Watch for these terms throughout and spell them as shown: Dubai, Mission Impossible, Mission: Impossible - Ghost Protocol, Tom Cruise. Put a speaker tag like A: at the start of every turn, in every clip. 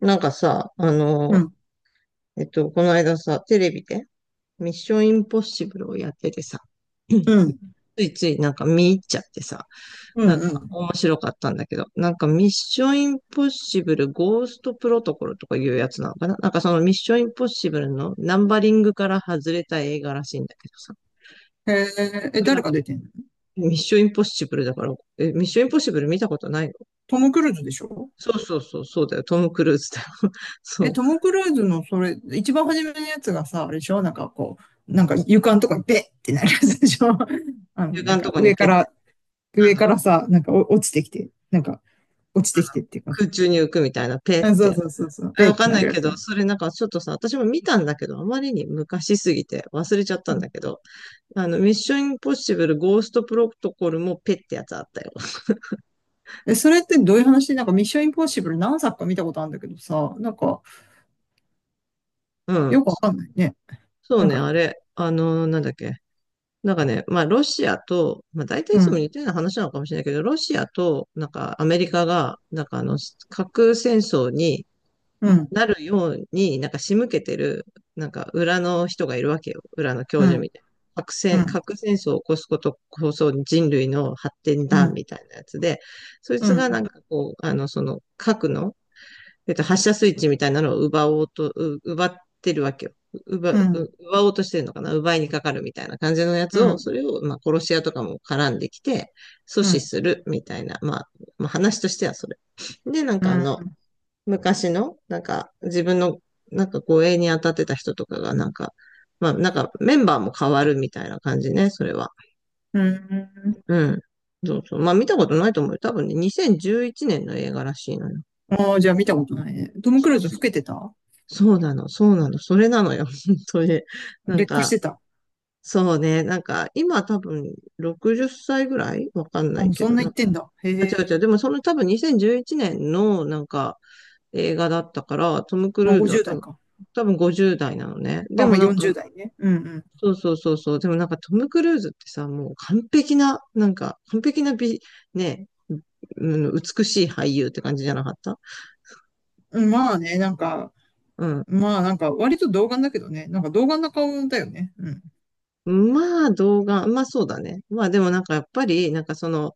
A: なんかさ、
B: うん、
A: この間さ、テレビで、ミッションインポッシブルをやっててさ、うん。
B: うん、
A: ついついなんか見入っちゃってさ、
B: う
A: なん
B: ん、う
A: か
B: ん。
A: 面白かったんだけど、なんかミッションインポッシブルゴーストプロトコルとかいうやつなのかな。なんかそのミッションインポッシブルのナンバリングから外れた映画らしいんだけどさ、
B: へえ、え、
A: これなん
B: 誰が
A: か
B: 出てんの？
A: ミッションインポッシブルだから、え、ミッションインポッシブル見たことないの？
B: トム・クルーズでしょ？
A: そうそうそう、そうだよ、トム・クルーズだよ。そ
B: え、
A: う。
B: トム・クルーズのそれ、一番初めのやつがさ、あれでしょ？なんかこう、なんか床のとこにベッってなるやつでしょ？ あの、
A: 中
B: な
A: 間
B: ん
A: のと
B: か
A: こに
B: 上
A: ペ
B: か
A: ッて、
B: ら、
A: あの、
B: さ、なんか落ちてきて、なんか落ちてき
A: あの、
B: てっていうかさ。
A: 空中に浮くみたいな、ペっ
B: あ、
A: て
B: そう
A: やつ。
B: そうそうそう、
A: え
B: ベッ
A: わ
B: っ
A: か
B: て
A: ん
B: な
A: ない
B: るや
A: け
B: つ。
A: ど、
B: う
A: それなんかちょっとさ、私も見たんだけど、あまりに昔すぎて忘れちゃったん
B: ん。
A: だけど、ミッションインポッシブルゴーストプロトコルもペってやつあったよ。
B: え、それってどういう話？なんかミッションインポッシブル何作か見たことあるんだけどさ、なんか
A: うん。
B: よくわかんないね。
A: そう
B: なん
A: ね、
B: か、
A: あれ、なんだっけ。なんかね、まあ、ロシアと、まあ、大体い
B: う
A: つも
B: ん、
A: 似たような話なのかもしれないけど、ロシアと、なんか、アメリカが、なんか、核戦争に、
B: うん、
A: なるように、なんか仕向けてる、なんか裏の人がいるわけよ。裏の教
B: う
A: 授
B: ん、
A: みたいな。
B: うん、
A: 核戦争を起こすことこそ人類の発展
B: う
A: だ、
B: ん、
A: みたいなやつで、そい
B: う
A: つがな
B: ん、
A: んかこう、その核の、発射スイッチみたいなのを奪おうと、奪ってるわけよ。
B: うん、
A: 奪おうとしてるのかな。奪いにかかるみたいな感じのや
B: う
A: つを、
B: ん。
A: それを、まあ、殺し屋とかも絡んできて、阻
B: う
A: 止
B: ん、
A: するみたいな、まあ、まあ、話としてはそれ。で、なん
B: う
A: か
B: ん、
A: 昔の、なんか、自分の、なんか護衛に当たってた人とかが、なんか、まあ、なんか、メンバーも変わるみたいな感じね、それは。
B: うん。
A: うん。そうそう。まあ、見たことないと思うよ。多分ね、2011年の映画らしいのよ。
B: ああ、じゃあ見たことないね。トム・ク
A: そ
B: ル
A: う
B: ーズ老
A: そう。
B: けてた？
A: そうなの、そうなの、それなのよ、本当に。なん
B: 劣化し
A: か、
B: てた。
A: そうね、なんか、今多分60歳ぐらいわかん
B: あ、
A: ない
B: もう
A: け
B: そん
A: ど、
B: な
A: なん
B: 言っ
A: か、
B: てんだ。へ
A: あ、違う違う、
B: え。
A: でもその多分2011年の、なんか、映画だったから、トム・ク
B: まあ
A: ルーズは
B: 50
A: 多
B: 代
A: 分、
B: か。
A: 50代なのね。で
B: あ、ま
A: も
B: あ
A: なんか、
B: 40代ね。うん、うん。
A: そうそうそうそう。でもなんかトム・クルーズってさ、もう完璧な、なんか、完璧な美、ね、うん、美しい俳優って感じじゃなかった？
B: うん、まあね、なんか、
A: うん。
B: まあなんか割と童顔だけどね。なんか童顔な顔だよね。うん。
A: まあ動画、まあそうだね。まあでもなんかやっぱり、なんかその、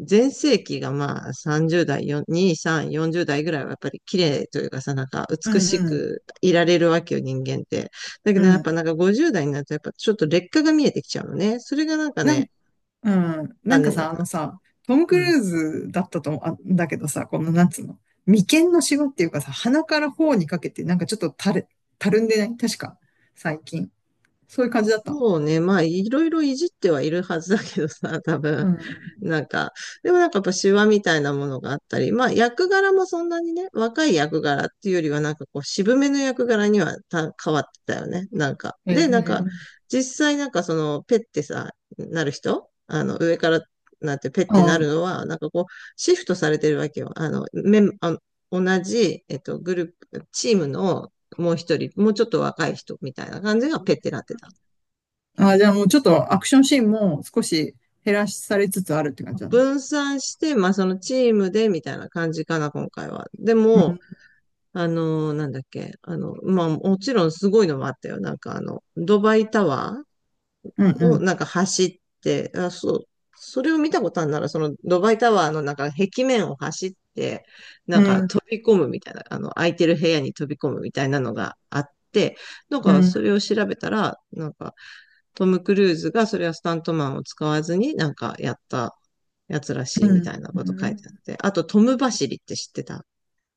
A: 全盛期がまあ30代、2、3、40代ぐらいはやっぱり綺麗というかさ、なんか
B: う
A: 美し
B: ん、
A: くいられるわけよ、人間って。だけ
B: う
A: どや
B: ん、う
A: っ
B: ん。
A: ぱなんか50代になるとやっぱちょっと劣化が見えてきちゃうのね。それがなんか
B: なん、
A: ね、
B: うん。な
A: 残
B: んか
A: 念だっ
B: さ、あの
A: た。
B: さ、トム・ク
A: うん。
B: ルーズだったと思う。あ、だけどさ、このなんつうの。眉間のシワっていうかさ、鼻から頬にかけて、なんかちょっとたるんでない？確か、最近。そういう感じだった。
A: もうね、まあいろいろいじってはいるはずだけどさ、多分。
B: うん。
A: なんか、でもなんかやっぱ手話みたいなものがあったり、まあ役柄もそんなにね、若い役柄っていうよりはなんかこう渋めの役柄には変わってたよね、なんか。
B: へ
A: で、なんか、
B: え。
A: 実際なんかそのペッてさ、なる人、上からなんてペッてなる
B: あ
A: のは、なんかこう、シフトされてるわけよ。あの、メン、あの同じ、グループ、チームのもう一人、もうちょっと若い人みたいな感じがペッてなってた。
B: あ、じゃあもうちょっとアクションシーンも少し減らされつつあるって感じなんだ。
A: 分散して、まあそのチームでみたいな感じかな、今回は。で
B: う
A: も、
B: ん、
A: なんだっけ、まあもちろんすごいのもあったよ。なんかドバイタワー
B: うん、う
A: を
B: ん、
A: なんか走って、あ、そう、それを見たことあるなら、そのドバイタワーのなんか壁面を走って、な
B: う
A: んか
B: ん、
A: 飛び込むみたいな、空いてる部屋に飛び込むみたいなのがあって、なん
B: う
A: かそ
B: ん。
A: れを調べたら、なんかトム・クルーズがそれはスタントマンを使わずになんかやったやつらし
B: う
A: いみたいなこと書いてあっ
B: ん、
A: て、あとトム走りって知ってた？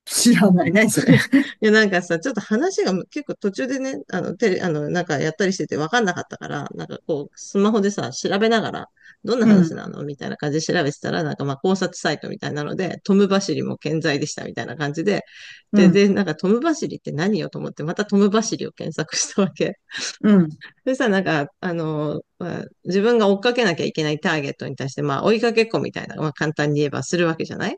B: 知らない。何それ。
A: いや、なんかさ、ちょっと話が結構途中でね、あの、テレ、あの、なんかやったりしてて分かんなかったから、なんかこう、スマホでさ、調べながら、どんな
B: う
A: 話な
B: ん、
A: のみたいな感じで調べてたら、なんかまあ考察サイトみたいなので、トム・バシリも健在でしたみたいな感じで、
B: う
A: で、
B: ん、
A: なんかトム・バシリって何よと思って、またトム・バシリを検索したわけ。
B: うん、
A: でさ、なんか、まあ自分が追っかけなきゃいけないターゲットに対して、まあ追いかけっこみたいな、まあ簡単に言えばするわけじゃない？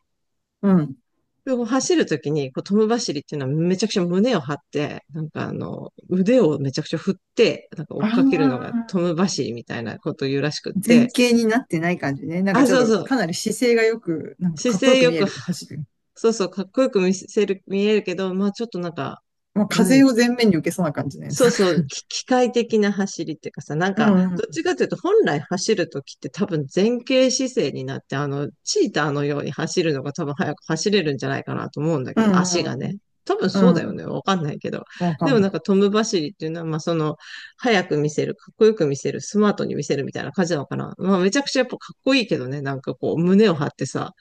B: うん。
A: でも走るときに、こう、トム走りっていうのはめちゃくちゃ胸を張って、なんか腕をめちゃくちゃ振って、なんか追
B: あ
A: っかけるのがト
B: あ、
A: ム走りみたいなことを言うらしくって、
B: 前傾になってない感じね。なんか
A: あ、
B: ちょ
A: そう
B: っ
A: そ
B: と
A: う、
B: かなり姿勢がよく、なんか
A: 姿
B: かっこよ
A: 勢
B: く
A: よ
B: 見え
A: く、
B: る走る。
A: そうそう、かっこよく見せる、見えるけど、まあちょっとなんか、
B: まあ、
A: な
B: 風
A: ん
B: を前面に受けそうな感じのや
A: そ
B: つ。
A: うそう、機械的な走りっていうかさ、なん
B: う
A: か、
B: ん、うん、
A: どっちかというと、本来走るときって多分前傾姿勢になって、チーターのように走るのが多分早く走れるんじゃないかなと思うんだ
B: う
A: けど、足が
B: ん、
A: ね。多分
B: う
A: そう
B: ん、う
A: だよ
B: ん。
A: ね。わかんないけど。
B: わか
A: でも
B: ん
A: なん
B: ない。
A: かトム走りっていうのは、まあその、早く見せる、かっこよく見せる、スマートに見せるみたいな感じなのかな。まあめちゃくちゃやっぱかっこいいけどね。なんかこう、胸を張ってさ。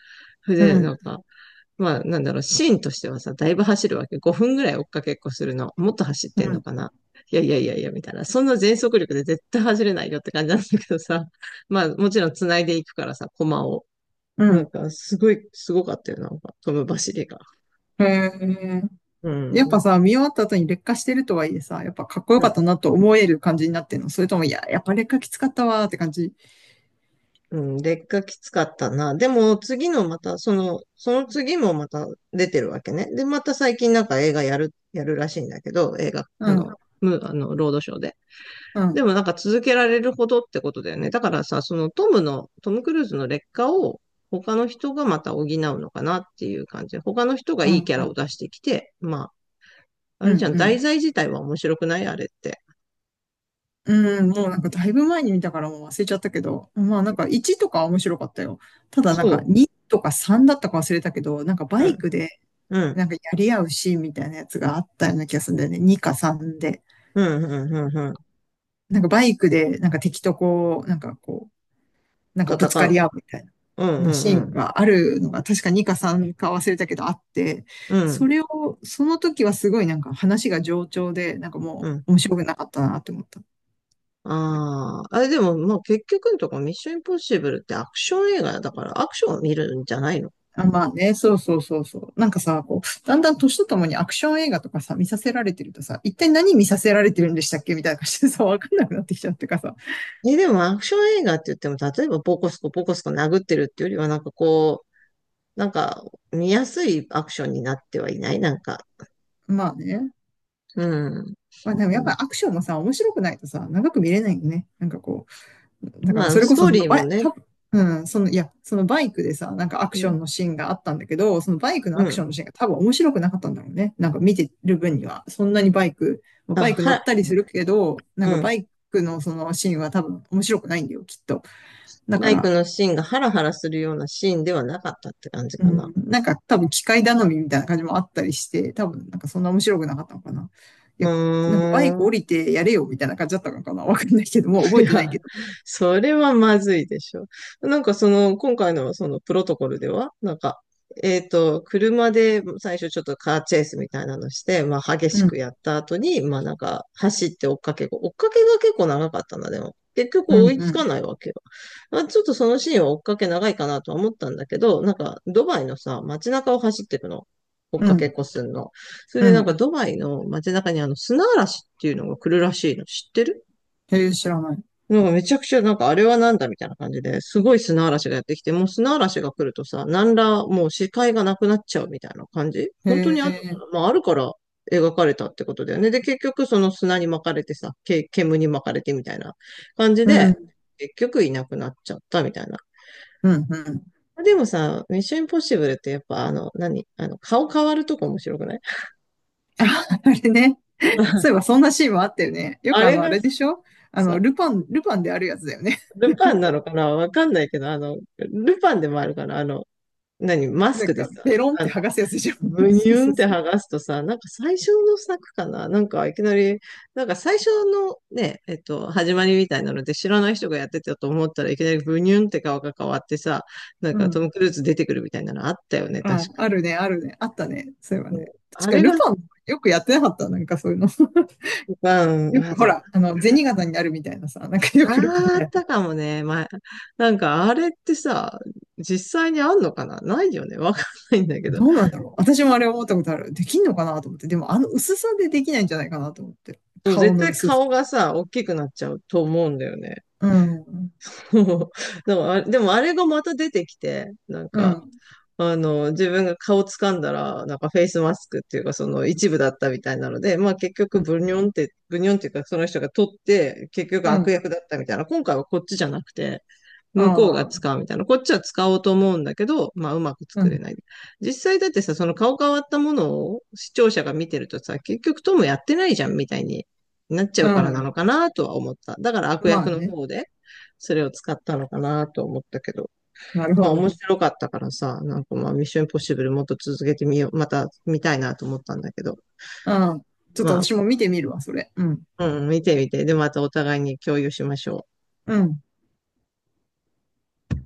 A: それ
B: う
A: で、なん
B: ん、
A: か、まあ、なんだろう、シーンとしてはさ、だいぶ走るわけ。5分ぐらい追っかけっこするの。もっと走っ
B: う
A: てんの
B: ん、
A: かな。いやいやいやいや、みたいな。そんな全速力で絶対走れないよって感じなんだけどさ。まあ、もちろん繋いでいくからさ、駒を。
B: う
A: なん
B: ん。
A: か、すごい、すごかったよ、なんか、その走りが。
B: へえ。
A: う
B: やっ
A: ん。
B: ぱさ、見終わった後に劣化してるとはいえさ、やっぱかっこよ
A: う
B: かっ
A: ん。
B: たなと思える感じになってるの？それとも、いや、やっぱ劣化きつかったわーって感じ？
A: うん。劣化きつかったな。でも、次のまた、その、その次もまた出てるわけね。で、また最近なんか映画やる、らしいんだけど、映画、
B: う
A: あ
B: ん、
A: の、む、あの、ロードショーで。
B: う
A: で
B: ん、
A: もなんか続けられるほどってことだよね。だからさ、トム・クルーズの劣化を他の人がまた補うのかなっていう感じで。他の人が
B: うん、
A: いいキャ
B: う
A: ラを
B: ん、
A: 出してきて、まあ、あ
B: う
A: れ
B: ん、
A: じゃん、
B: う
A: 題
B: ん。
A: 材自体は面白くないあれって。
B: うん、もうなんかだいぶ前に見たからもう忘れちゃったけど、まあなんか1とかは面白かったよ。ただな
A: そ
B: んか2とか3だったか忘れたけど、なんか
A: う。
B: バ
A: う
B: イ
A: ん、
B: クで
A: うん、
B: なんかやり合うシーンみたいなやつがあったような気がするんだよね。2か3で。
A: うん、うん、うん、うん。
B: なんかバイクでなんか敵とこう、なんかこう、なんかぶつ
A: 戦
B: かり
A: う。
B: 合うみたいな。
A: うん、うん、
B: シ
A: う
B: ーン
A: ん、
B: があるのが、確か2か3か忘れたけどあって、
A: うん、
B: それを、その時はすごいなんか話が冗長で、なんかも
A: うん。
B: う面白くなかったなって思った。
A: ああ、あれでも、まあ結局のところミッションインポッシブルってアクション映画だからアクションを見るんじゃないの？
B: あ、まあね、そうそうそうそう。なんかさ、こう、だんだん年とともにアクション映画とかさ、見させられてるとさ、一体何見させられてるんでしたっけみたいな感じでさ、わかんなくなってきちゃうってかさ。
A: え、でもアクション映画って言っても、例えばボコスコボコスコ殴ってるっていうよりは、なんかこなんか、見やすいアクションになってはいない、なんか。
B: まあね。
A: うん。
B: まあでも
A: う
B: やっ
A: ん。
B: ぱりアクションもさ、面白くないとさ、長く見れないよね。なんかこう。だから
A: まあ、
B: それ
A: ス
B: こそ
A: トー
B: その
A: リー
B: バ
A: も
B: イ、
A: ね、
B: たうん、その、いや、そのバイクでさ、なんかアク
A: う
B: ション
A: ん。
B: のシーンがあったんだけど、そのバイクの
A: う
B: アクショ
A: ん。
B: ンのシーンが多分面白くなかったんだろうね。なんか見てる分には、そんなにバイク、まあ
A: あ、
B: バイク乗っ
A: は、
B: たりするけど、なん
A: う
B: か
A: ん。
B: バイクのそのシーンは多分面白くないんだよ、きっと。だ
A: バ
B: か
A: イク
B: ら、
A: のシーンがハラハラするようなシーンではなかったって感じ
B: う
A: かな。
B: ん、なんか多分機械頼みみたいな感じもあったりして、多分なんかそんな面白くなかったのかな。い
A: う
B: や、なんかバイ
A: ー
B: ク降
A: ん。
B: りてやれよみたいな感じだったのかな。わかんないけど、もう
A: い
B: 覚えてない
A: や、
B: けど。
A: それはまずいでしょ。その、今回のそのプロトコルでは、車で最初ちょっとカーチェイスみたいなのして、まあ激し
B: う
A: く
B: ん、
A: やった後に、まあ走って追っかけが結構長かったな、でも。結局
B: う
A: 追
B: ん、
A: い
B: う
A: つか
B: ん、
A: ないわけよ。まあちょっとそのシーンは追っかけ長いかなとは思ったんだけど、なんかドバイのさ、街中を走ってるの。追っ
B: う
A: かけっ
B: ん、
A: こすんの。それ
B: う
A: でなんか
B: ん。
A: ドバイの街中にあの砂嵐っていうのが来るらしいの。知ってる？
B: へえ、知らない。
A: なんかめちゃくちゃ、なんかあれはなんだみたいな感じで、すごい砂嵐がやってきて、もう砂嵐が来るとさ、何らもう視界がなくなっちゃうみたいな感じ、
B: へ
A: 本当にあるの
B: え、
A: かな。まああるから描かれたってことだよね。で、結局その砂に巻かれてさ、煙に巻かれてみたいな感じ
B: う
A: で、
B: ん、
A: 結局いなくなっちゃったみたいな。
B: うん、うん。
A: でもさ、ミッションインポッシブルってやっぱあの、何あの、顔変わるとこ面白くない？
B: あ、あれね。そういえ ばそんなシーンもあったよね。よ
A: あ
B: くあ
A: れ
B: の、あ
A: が
B: れでしょ？あの、
A: さ、
B: ルパンであるやつだよね。
A: ルパンなのかなわかんないけど、あの、ルパンでもあるかなあの、何、マス
B: なん
A: クで
B: か、
A: さ、
B: ベロンっ
A: あ
B: て
A: の、
B: 剥がすやつでしょ？
A: ブ ニ
B: そう
A: ュ
B: そ
A: ン
B: う
A: っ
B: そ
A: て剥がすとさ、なんか最初の作かななんかいきなり、なんか最初のね、始まりみたいなので知らない人がやってたと思ったらいきなりブニュンって顔が変わってさ、なん
B: う。
A: か
B: うん。
A: トム・クルーズ出てくるみたいなのあったよね、
B: あ、
A: 確かに。
B: あるね、あるね。あったね。そういえば
A: そ
B: ね。
A: う
B: 確
A: あ
B: か
A: れが、
B: ルパンよくやってなかった？なんかそういうの。
A: う ん、
B: よ
A: あ、
B: くほ
A: そう
B: ら、
A: か。
B: あの、銭形になるみたいなさ、なんかよ
A: あ
B: くルパン
A: あ
B: が
A: っ
B: やる。
A: たかもね。まあ、なんかあれってさ、実際にあんのかな。ないよね。わかんないんだけど。
B: どうなんだろう。私もあれ思ったことある。できんのかなと思って。でもあの薄さでできないんじゃないかなと思って。
A: でも
B: 顔
A: 絶
B: の
A: 対
B: 薄さ。
A: 顔がさ、大きくなっちゃうと思うんだよね。
B: うん。
A: そう。 でもあれ、でもあれがまた出てきて、なん
B: う
A: か、
B: ん。
A: あの、自分が顔掴んだら、なんかフェイスマスクっていうか、その一部だったみたいなので、まあ結
B: う
A: 局
B: ん。
A: ブニョンって、ブニョンっていうか、その人が取って、結局
B: う
A: 悪
B: ん、
A: 役だったみたいな。今回はこっちじゃなくて、
B: あ
A: 向こうが
B: あ、
A: 使うみたいな。こっちは使おうと思うんだけど、まあうまく
B: う
A: 作れ
B: ん、
A: ない。実際だってさ、その顔変わったものを視聴者が見てるとさ、結局トムやってないじゃんみたいになっちゃ
B: う
A: うからな
B: ん。
A: のかなとは思った。だから悪
B: まあ
A: 役の
B: ね。
A: 方で、それを使ったのかなと思ったけど。
B: なるほ
A: まあ
B: ど
A: 面
B: ね。
A: 白かったからさ、なんかまあミッションインポッシブルもっと続けてみよう、また見たいなと思ったんだけど、
B: うん。ちょっと
A: ま
B: 私も見てみるわ、それ。うん、
A: あ、うん、見てみて、でまたお互いに共有しましょう。
B: うん。